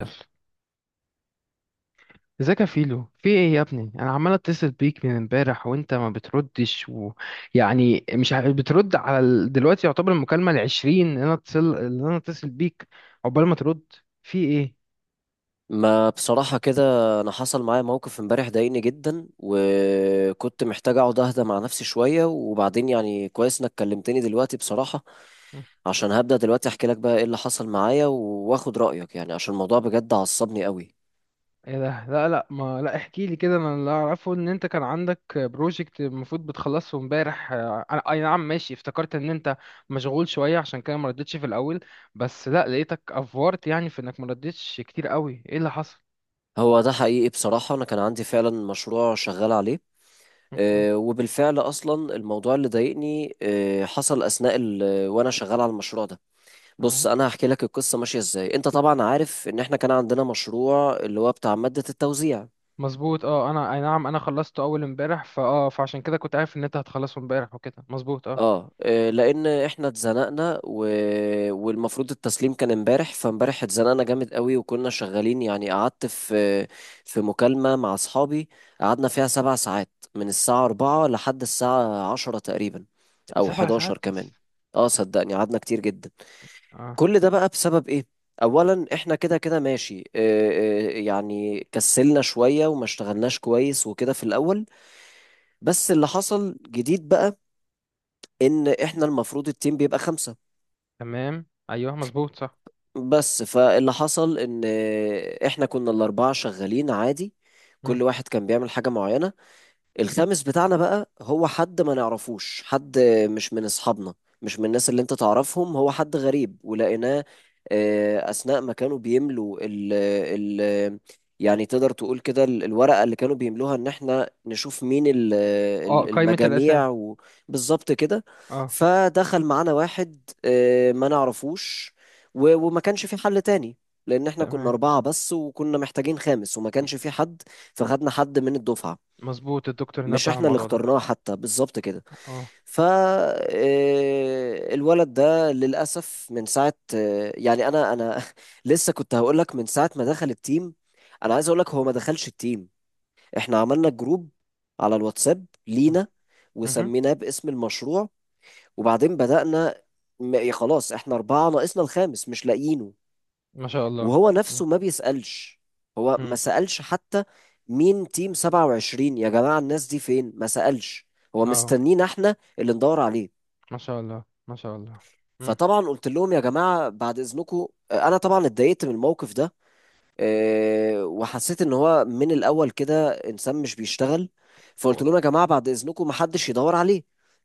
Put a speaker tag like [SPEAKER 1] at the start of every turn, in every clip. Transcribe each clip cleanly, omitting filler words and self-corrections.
[SPEAKER 1] يلا. ازيك يا فيلو؟ في ايه يا ابني، انا عمال اتصل بيك من امبارح وانت ما بتردش، ويعني مش بترد على دلوقتي يعتبر المكالمة العشرين اللي انا اتصل، اللي انا اتصل بيك. عقبال ما ترد. في ايه؟
[SPEAKER 2] ما بصراحة كده، أنا حصل معايا موقف امبارح ضايقني جدا، وكنت محتاج أقعد أهدى مع نفسي شوية، وبعدين يعني كويس إنك كلمتني دلوقتي بصراحة.
[SPEAKER 1] مم.
[SPEAKER 2] عشان هبدأ دلوقتي أحكي لك بقى إيه اللي حصل معايا وآخد رأيك، يعني عشان الموضوع بجد عصبني قوي.
[SPEAKER 1] ايه ده؟ لا احكي لي كده. انا اللي اعرفه ان انت كان عندك بروجكت المفروض بتخلصه امبارح، انا اي نعم ماشي، افتكرت ان انت مشغول شوية عشان كده ما ردتش في الاول. بس لا، لقيتك افورت يعني في انك ما ردتش كتير قوي. ايه اللي حصل؟
[SPEAKER 2] هو ده حقيقي بصراحة، أنا كان عندي فعلا مشروع شغال عليه.
[SPEAKER 1] اوكي.
[SPEAKER 2] وبالفعل أصلا الموضوع اللي ضايقني حصل أثناء وأنا شغال على المشروع ده. بص
[SPEAKER 1] آه.
[SPEAKER 2] انا هحكي لك القصه ماشيه ازاي. انت طبعا عارف ان احنا كان عندنا مشروع اللي هو بتاع ماده التوزيع.
[SPEAKER 1] مظبوط اه، انا اي نعم انا خلصته اول امبارح، فاه فعشان كده كنت عارف ان انت هتخلصه امبارح وكده، مظبوط اه.
[SPEAKER 2] لان احنا اتزنقنا والمفروض التسليم كان امبارح، فامبارح اتزنقنا جامد قوي، وكنا شغالين، يعني قعدت في مكالمه مع اصحابي، قعدنا فيها 7 ساعات من الساعه 4 لحد الساعه 10 تقريبا، او
[SPEAKER 1] سبع ساعات؟
[SPEAKER 2] 11 كمان. اه صدقني قعدنا كتير جدا.
[SPEAKER 1] اه.
[SPEAKER 2] كل ده بقى بسبب ايه؟ اولا احنا كده كده ماشي، يعني كسلنا شوية وما اشتغلناش كويس وكده في الاول. بس اللي حصل جديد بقى، ان احنا المفروض التيم بيبقى 5.
[SPEAKER 1] تمام ايوه مظبوط صح.
[SPEAKER 2] بس فاللي حصل ان احنا كنا الاربعة شغالين عادي،
[SPEAKER 1] مم.
[SPEAKER 2] كل واحد كان بيعمل حاجة معينة. الخامس بتاعنا بقى هو حد ما نعرفوش، حد مش من اصحابنا، مش من الناس اللي انت تعرفهم، هو حد غريب ولقيناه اثناء ما كانوا بيملوا ال ال يعني تقدر تقول كده الورقة اللي كانوا بيملوها ان احنا نشوف مين
[SPEAKER 1] اه، قائمة الاسامي.
[SPEAKER 2] المجاميع بالظبط كده.
[SPEAKER 1] اه.
[SPEAKER 2] فدخل معانا واحد ما نعرفوش، وما كانش في حل تاني، لان احنا كنا
[SPEAKER 1] تمام.
[SPEAKER 2] 4 بس وكنا محتاجين خامس وما
[SPEAKER 1] م-
[SPEAKER 2] كانش في حد. فخدنا حد من الدفعة،
[SPEAKER 1] مظبوط، الدكتور
[SPEAKER 2] مش
[SPEAKER 1] نبه على
[SPEAKER 2] احنا اللي
[SPEAKER 1] الموضوع ده.
[SPEAKER 2] اخترناه حتى، بالظبط كده.
[SPEAKER 1] اه.
[SPEAKER 2] ف آه، الولد ده للاسف من ساعه آه، يعني انا انا لسه كنت هقول لك من ساعه ما دخل التيم، انا عايز اقول لك هو ما دخلش التيم. احنا عملنا جروب على الواتساب
[SPEAKER 1] مم.
[SPEAKER 2] لينا،
[SPEAKER 1] مهم.
[SPEAKER 2] وسميناه باسم المشروع، وبعدين بدأنا. خلاص احنا 4 ناقصنا الخامس مش لاقيينه،
[SPEAKER 1] ما شاء الله.
[SPEAKER 2] وهو
[SPEAKER 1] مم.
[SPEAKER 2] نفسه ما بيسألش، هو ما
[SPEAKER 1] مم.
[SPEAKER 2] سألش حتى، مين تيم 27 يا جماعة، الناس دي فين، ما سألش، هو
[SPEAKER 1] اه.
[SPEAKER 2] مستنينا احنا اللي ندور عليه.
[SPEAKER 1] ما شاء الله ما شاء الله. مم.
[SPEAKER 2] فطبعا قلت لهم يا جماعة بعد إذنكم، أنا طبعا اتضايقت من الموقف ده. وحسيت ان هو من الاول كده انسان مش بيشتغل. فقلت
[SPEAKER 1] واضح.
[SPEAKER 2] لهم يا جماعه بعد اذنكم محدش يدور عليه،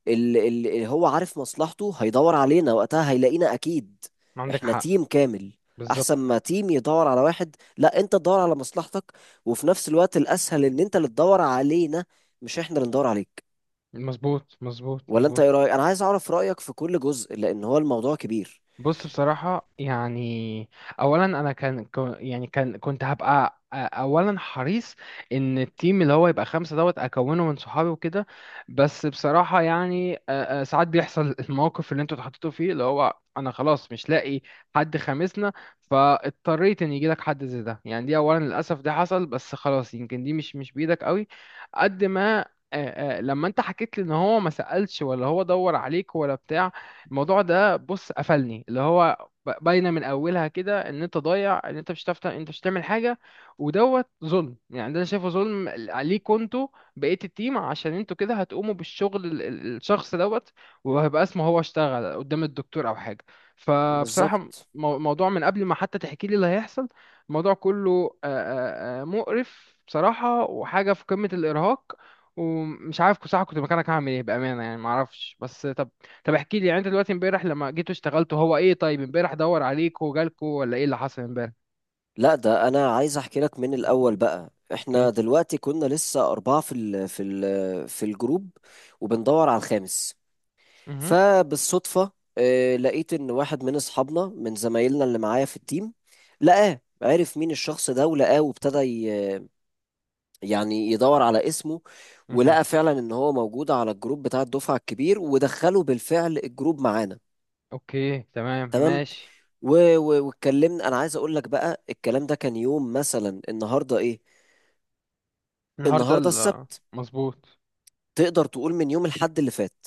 [SPEAKER 2] اللي هو عارف مصلحته هيدور علينا وقتها هيلاقينا اكيد.
[SPEAKER 1] ما عندك
[SPEAKER 2] احنا
[SPEAKER 1] حق.
[SPEAKER 2] تيم كامل، احسن
[SPEAKER 1] بالظبط.
[SPEAKER 2] ما تيم يدور على واحد، لا انت تدور على مصلحتك، وفي نفس الوقت الاسهل ان انت اللي تدور علينا، مش احنا اللي ندور عليك.
[SPEAKER 1] مظبوط مظبوط
[SPEAKER 2] ولا انت
[SPEAKER 1] مظبوط.
[SPEAKER 2] ايه رايك؟ انا عايز اعرف رايك في كل جزء لان هو الموضوع كبير.
[SPEAKER 1] بص بصراحة يعني، أولا أنا كان كو- يعني كان كنت هبقى أولا حريص إن التيم اللي هو يبقى خمسة دوت أكونه من صحابي وكده. بس بصراحة يعني ساعات بيحصل الموقف اللي أنتوا اتحطيتوا فيه، اللي هو أنا خلاص مش لاقي حد خامسنا، فاضطريت إن يجيلك حد زي ده. يعني دي أولا، للأسف ده حصل، بس خلاص يمكن دي مش بإيدك قوي قد ما أ- لما أنت حكيت لي إن هو ما سألش ولا هو دور عليك ولا بتاع، الموضوع ده بص قفلني، اللي هو باينه من اولها كده ان انت ضايع، ان انت مش هتعرف انت مش هتعمل حاجه. ودوت ظلم، يعني ده انا شايفه ظلم عليكوا انتوا بقيه التيم، عشان انتوا كده هتقوموا بالشغل الشخص دوت وهيبقى اسمه هو اشتغل قدام الدكتور او حاجه. فبصراحه،
[SPEAKER 2] بالظبط.
[SPEAKER 1] الموضوع من قبل ما حتى تحكي لي اللي هيحصل، الموضوع كله مقرف بصراحه، وحاجه في قمه الارهاق. ومش عارف بصراحه، كنت مكانك هعمل ايه بامانه؟ يعني معرفش. بس طب، طب احكي لي يعني انت دلوقتي امبارح لما جيتوا اشتغلتوا، هو ايه؟ طيب امبارح دور عليك وجالكوا ولا ايه اللي حصل امبارح؟
[SPEAKER 2] لا ده انا عايز احكي لك من الاول بقى. احنا
[SPEAKER 1] اوكي.
[SPEAKER 2] دلوقتي كنا لسه 4 في الجروب، وبندور على الخامس.
[SPEAKER 1] امم.
[SPEAKER 2] فبالصدفة لقيت ان واحد من اصحابنا من زمايلنا اللي معايا في التيم لقاه، عرف مين الشخص ده ولقاه، وابتدى يعني يدور على اسمه،
[SPEAKER 1] امم.
[SPEAKER 2] ولقى فعلا ان هو موجود على الجروب بتاع الدفعة الكبير، ودخله بالفعل الجروب معانا.
[SPEAKER 1] اوكي تمام
[SPEAKER 2] تمام.
[SPEAKER 1] ماشي.
[SPEAKER 2] واتكلمنا. انا عايز اقول لك بقى الكلام ده كان يوم مثلا النهارده ايه؟
[SPEAKER 1] النهارده
[SPEAKER 2] النهارده
[SPEAKER 1] ال-
[SPEAKER 2] السبت.
[SPEAKER 1] مظبوط.
[SPEAKER 2] تقدر تقول من يوم الحد اللي فات.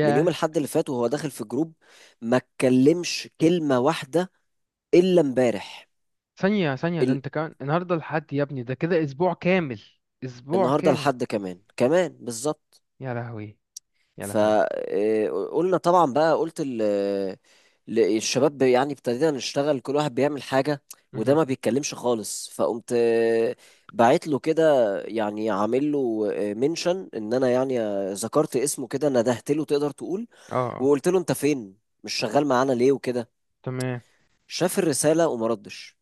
[SPEAKER 2] من يوم الحد اللي فات وهو داخل في جروب، ما اتكلمش كلمة واحدة إلا امبارح.
[SPEAKER 1] ثانية ثانية، ده
[SPEAKER 2] ال...
[SPEAKER 1] انت كمان النهارده الحد يا ابني، ده كده اسبوع كامل. اسبوع
[SPEAKER 2] النهارده
[SPEAKER 1] كامل.
[SPEAKER 2] الحد كمان كمان بالظبط.
[SPEAKER 1] يا لهوي. يا لهوي.
[SPEAKER 2] فقلنا طبعا بقى، قلت الشباب، يعني ابتدينا نشتغل كل واحد بيعمل حاجة، وده
[SPEAKER 1] مهم.
[SPEAKER 2] ما بيتكلمش خالص. فقمت بعت له كده، يعني عامل له منشن، ان انا يعني ذكرت اسمه كده، ندهت له تقدر تقول.
[SPEAKER 1] اه. آه،
[SPEAKER 2] وقلت له انت فين؟ مش شغال معانا ليه وكده.
[SPEAKER 1] تمام.
[SPEAKER 2] شاف الرساله وما ردش.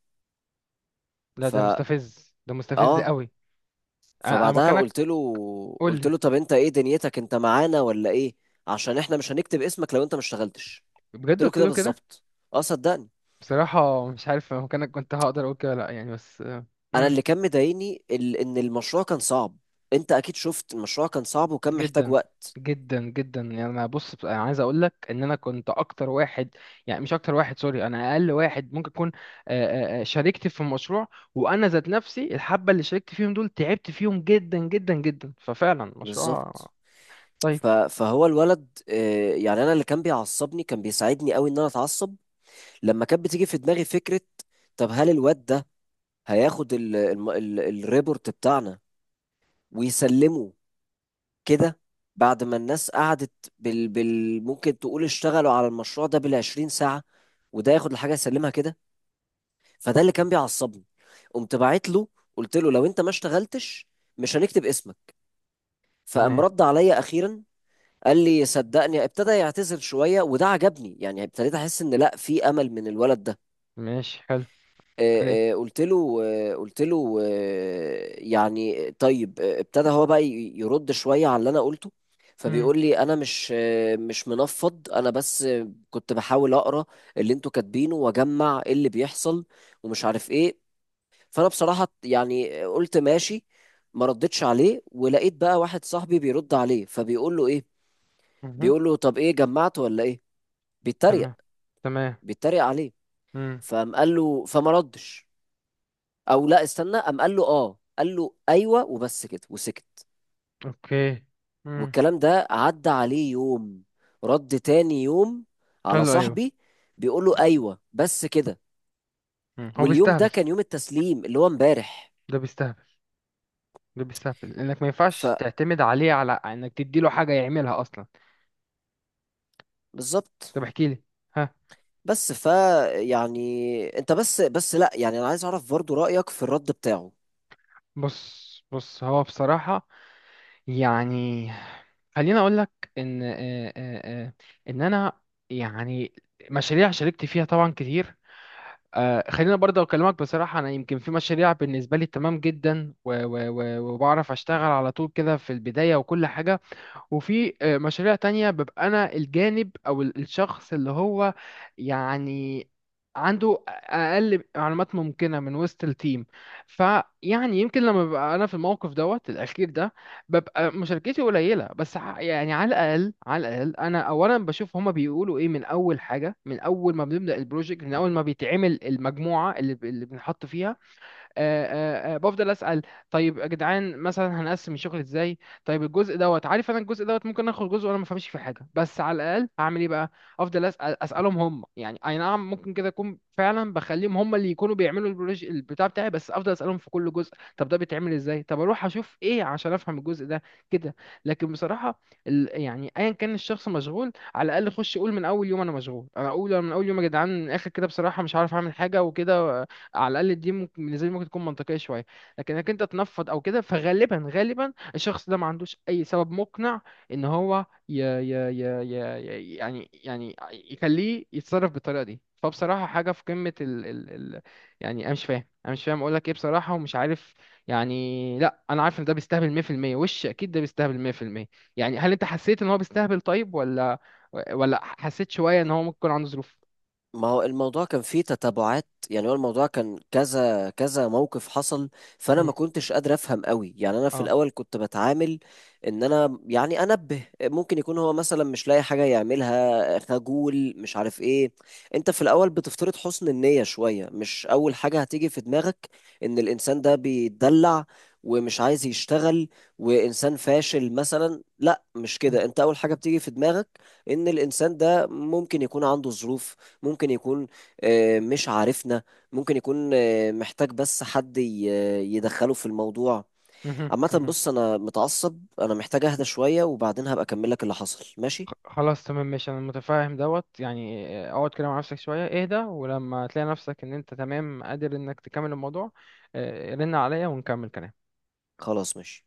[SPEAKER 1] لا ده
[SPEAKER 2] فا
[SPEAKER 1] مستفز، ده مستفز
[SPEAKER 2] اه
[SPEAKER 1] قوي. انا، أنا
[SPEAKER 2] فبعدها
[SPEAKER 1] مكانك،
[SPEAKER 2] قلت له،
[SPEAKER 1] قول
[SPEAKER 2] قلت
[SPEAKER 1] لي.
[SPEAKER 2] له طب انت ايه دنيتك؟ انت معانا ولا ايه؟ عشان احنا مش هنكتب اسمك لو انت ما اشتغلتش.
[SPEAKER 1] بجد
[SPEAKER 2] قلت له
[SPEAKER 1] قلت
[SPEAKER 2] كده
[SPEAKER 1] له كده؟
[SPEAKER 2] بالظبط. اه صدقني.
[SPEAKER 1] بصراحة مش عارف أنا مكانك كنت هقدر اقول كده ولا لا يعني، بس
[SPEAKER 2] انا
[SPEAKER 1] امم.
[SPEAKER 2] اللي كان مضايقني ان المشروع كان صعب. انت اكيد شفت المشروع كان صعب وكان محتاج
[SPEAKER 1] جدا.
[SPEAKER 2] وقت.
[SPEAKER 1] جدا جدا، يعني انا بص انا عايز اقول لك ان انا كنت اكتر واحد، يعني مش اكتر واحد، سوري، انا اقل واحد ممكن اكون شاركت في مشروع. وانا ذات نفسي الحبه اللي شاركت فيهم دول تعبت فيهم جدا جدا جدا، ففعلا مشروع.
[SPEAKER 2] بالظبط.
[SPEAKER 1] طيب.
[SPEAKER 2] فهو الولد يعني انا اللي كان بيعصبني كان بيساعدني قوي ان انا اتعصب، لما كانت بتيجي في دماغي فكره طب هل الواد ده هياخد ال ال ال الريبورت بتاعنا ويسلمه كده، بعد ما الناس قعدت بال بال ممكن تقول اشتغلوا على المشروع ده بال20 ساعة، وده ياخد الحاجة يسلمها كده. فده اللي كان بيعصبني. قمت باعت له، قلت له لو انت ما اشتغلتش مش هنكتب اسمك. فقام
[SPEAKER 1] تمام
[SPEAKER 2] رد عليا اخيرا. قال لي صدقني، ابتدى يعتذر شوية، وده عجبني، يعني ابتديت احس ان لا في امل من الولد ده.
[SPEAKER 1] ماشي حلو. عليه.
[SPEAKER 2] قلت له يعني طيب، ابتدى هو بقى يرد شوية على اللي انا قلته.
[SPEAKER 1] امم.
[SPEAKER 2] فبيقول لي انا مش منفض، انا بس كنت بحاول اقرا اللي انتوا كاتبينه واجمع إيه اللي بيحصل ومش عارف ايه. فانا بصراحة يعني قلت ماشي، ما ردتش عليه. ولقيت بقى واحد صاحبي بيرد عليه فبيقول له ايه،
[SPEAKER 1] مهم.
[SPEAKER 2] بيقول له طب ايه جمعت ولا ايه، بيتريق
[SPEAKER 1] تمام. تمام.
[SPEAKER 2] بيتريق عليه.
[SPEAKER 1] امم.
[SPEAKER 2] فقام قال له فما ردش. او لا استنى، قام قال له اه، قال له ايوه وبس كده وسكت.
[SPEAKER 1] اوكي. امم.
[SPEAKER 2] والكلام ده عدى عليه يوم، رد تاني يوم على
[SPEAKER 1] حلو ايوه.
[SPEAKER 2] صاحبي بيقول له ايوه بس كده.
[SPEAKER 1] مم. هو
[SPEAKER 2] واليوم ده
[SPEAKER 1] بيستهبل.
[SPEAKER 2] كان يوم التسليم اللي هو امبارح.
[SPEAKER 1] ده بيستهبل، ده بيستهبل، انك ما ينفعش تعتمد عليه على انك تديله حاجه يعملها اصلا.
[SPEAKER 2] فبالظبط.
[SPEAKER 1] طب احكي لي. ها.
[SPEAKER 2] بس يعني انت بس لا يعني انا عايز اعرف برضو رأيك في الرد بتاعه.
[SPEAKER 1] بص بص هو بصراحة يعني، خليني اقول لك ان آه، آه، ان انا يعني مشاريع شاركت فيها طبعا كتير. خلينا برضه اكلمك بصراحة، انا يمكن في مشاريع بالنسبة لي تمام جدا، وبعرف اشتغل على طول كده في البداية وكل حاجة. وفي مشاريع تانية ببقى أنا الجانب أو الشخص اللي هو يعني عنده أقل معلومات ممكنة من وسط التيم. فيعني يمكن لما ببقى أنا في الموقف دوت الأخير ده، ببقى مشاركتي قليلة، بس يعني على الأقل على الأقل أنا أولا بشوف هما بيقولوا إيه من أول حاجة، من أول ما بنبدأ البروجكت، من أول ما بيتعمل المجموعة اللي بنحط فيها، آه، بفضل اسال. طيب يا جدعان مثلا هنقسم الشغل ازاي؟ طيب الجزء دوت، عارف انا الجزء دوت ممكن اخد جزء وانا ما فهمش في حاجه، بس على الاقل هعمل ايه بقى؟ افضل اسال، اسالهم هم. يعني اي نعم، ممكن كده اكون فعلا بخليهم هم اللي يكونوا بيعملوا البروج البتاع بتاعي، بس افضل اسالهم في كل جزء، طب ده بيتعمل ازاي؟ طب اروح اشوف ايه عشان افهم الجزء ده كده. لكن بصراحه يعني ايا كان الشخص مشغول، على الاقل خش قول من اول يوم انا مشغول. انا اقول من اول يوم يا جدعان، من الاخر كده بصراحه مش عارف اعمل حاجه وكده، على الاقل دي ممكن بالنسبه لي ممكن تكون منطقيه شويه. لكن انك انت تنفض او كده، فغالبا غالبا الشخص ده ما عندوش اي سبب مقنع ان هو ي ي يعني يخليه يتصرف بالطريقه دي. فبصراحه حاجه في قمه ال ال ال يعني انا مش فاهم، انا مش فاهم اقول لك ايه بصراحه، ومش عارف. يعني لا، انا عارف ان ده بيستهبل 100%، وش اكيد ده بيستهبل 100%. يعني هل انت حسيت ان هو بيستهبل طيب، ولا ولا حسيت شويه ان هو ممكن يكون عنده ظروف؟
[SPEAKER 2] ما هو الموضوع كان فيه تتابعات، يعني هو الموضوع كان كذا كذا موقف حصل. فانا
[SPEAKER 1] مم.
[SPEAKER 2] ما كنتش قادر افهم قوي، يعني انا في
[SPEAKER 1] اه.
[SPEAKER 2] الاول كنت بتعامل ان انا يعني انبه، ممكن يكون هو مثلا مش لاقي حاجه يعملها، خجول، مش عارف ايه. انت في الاول بتفترض حسن النيه شويه، مش اول حاجه هتيجي في دماغك ان الانسان ده بيتدلع ومش عايز يشتغل وانسان فاشل مثلا، لا مش
[SPEAKER 1] مم.
[SPEAKER 2] كده. انت اول حاجه بتيجي في دماغك ان الانسان ده ممكن يكون عنده ظروف، ممكن يكون مش عارفنا، ممكن يكون محتاج بس حد يدخله في الموضوع.
[SPEAKER 1] مهم.
[SPEAKER 2] عامة
[SPEAKER 1] مهم.
[SPEAKER 2] بص أنا متعصب، أنا محتاج أهدى شوية، وبعدين هبقى أكمل لك اللي حصل، ماشي.
[SPEAKER 1] خلاص تمام ماشي، انا متفاهم دوت، يعني اقعد كده مع نفسك شويه اهدى، ولما تلاقي نفسك ان انت تمام قادر انك تكمل الموضوع، رن عليا ونكمل كلام.
[SPEAKER 2] خلاص ماشي.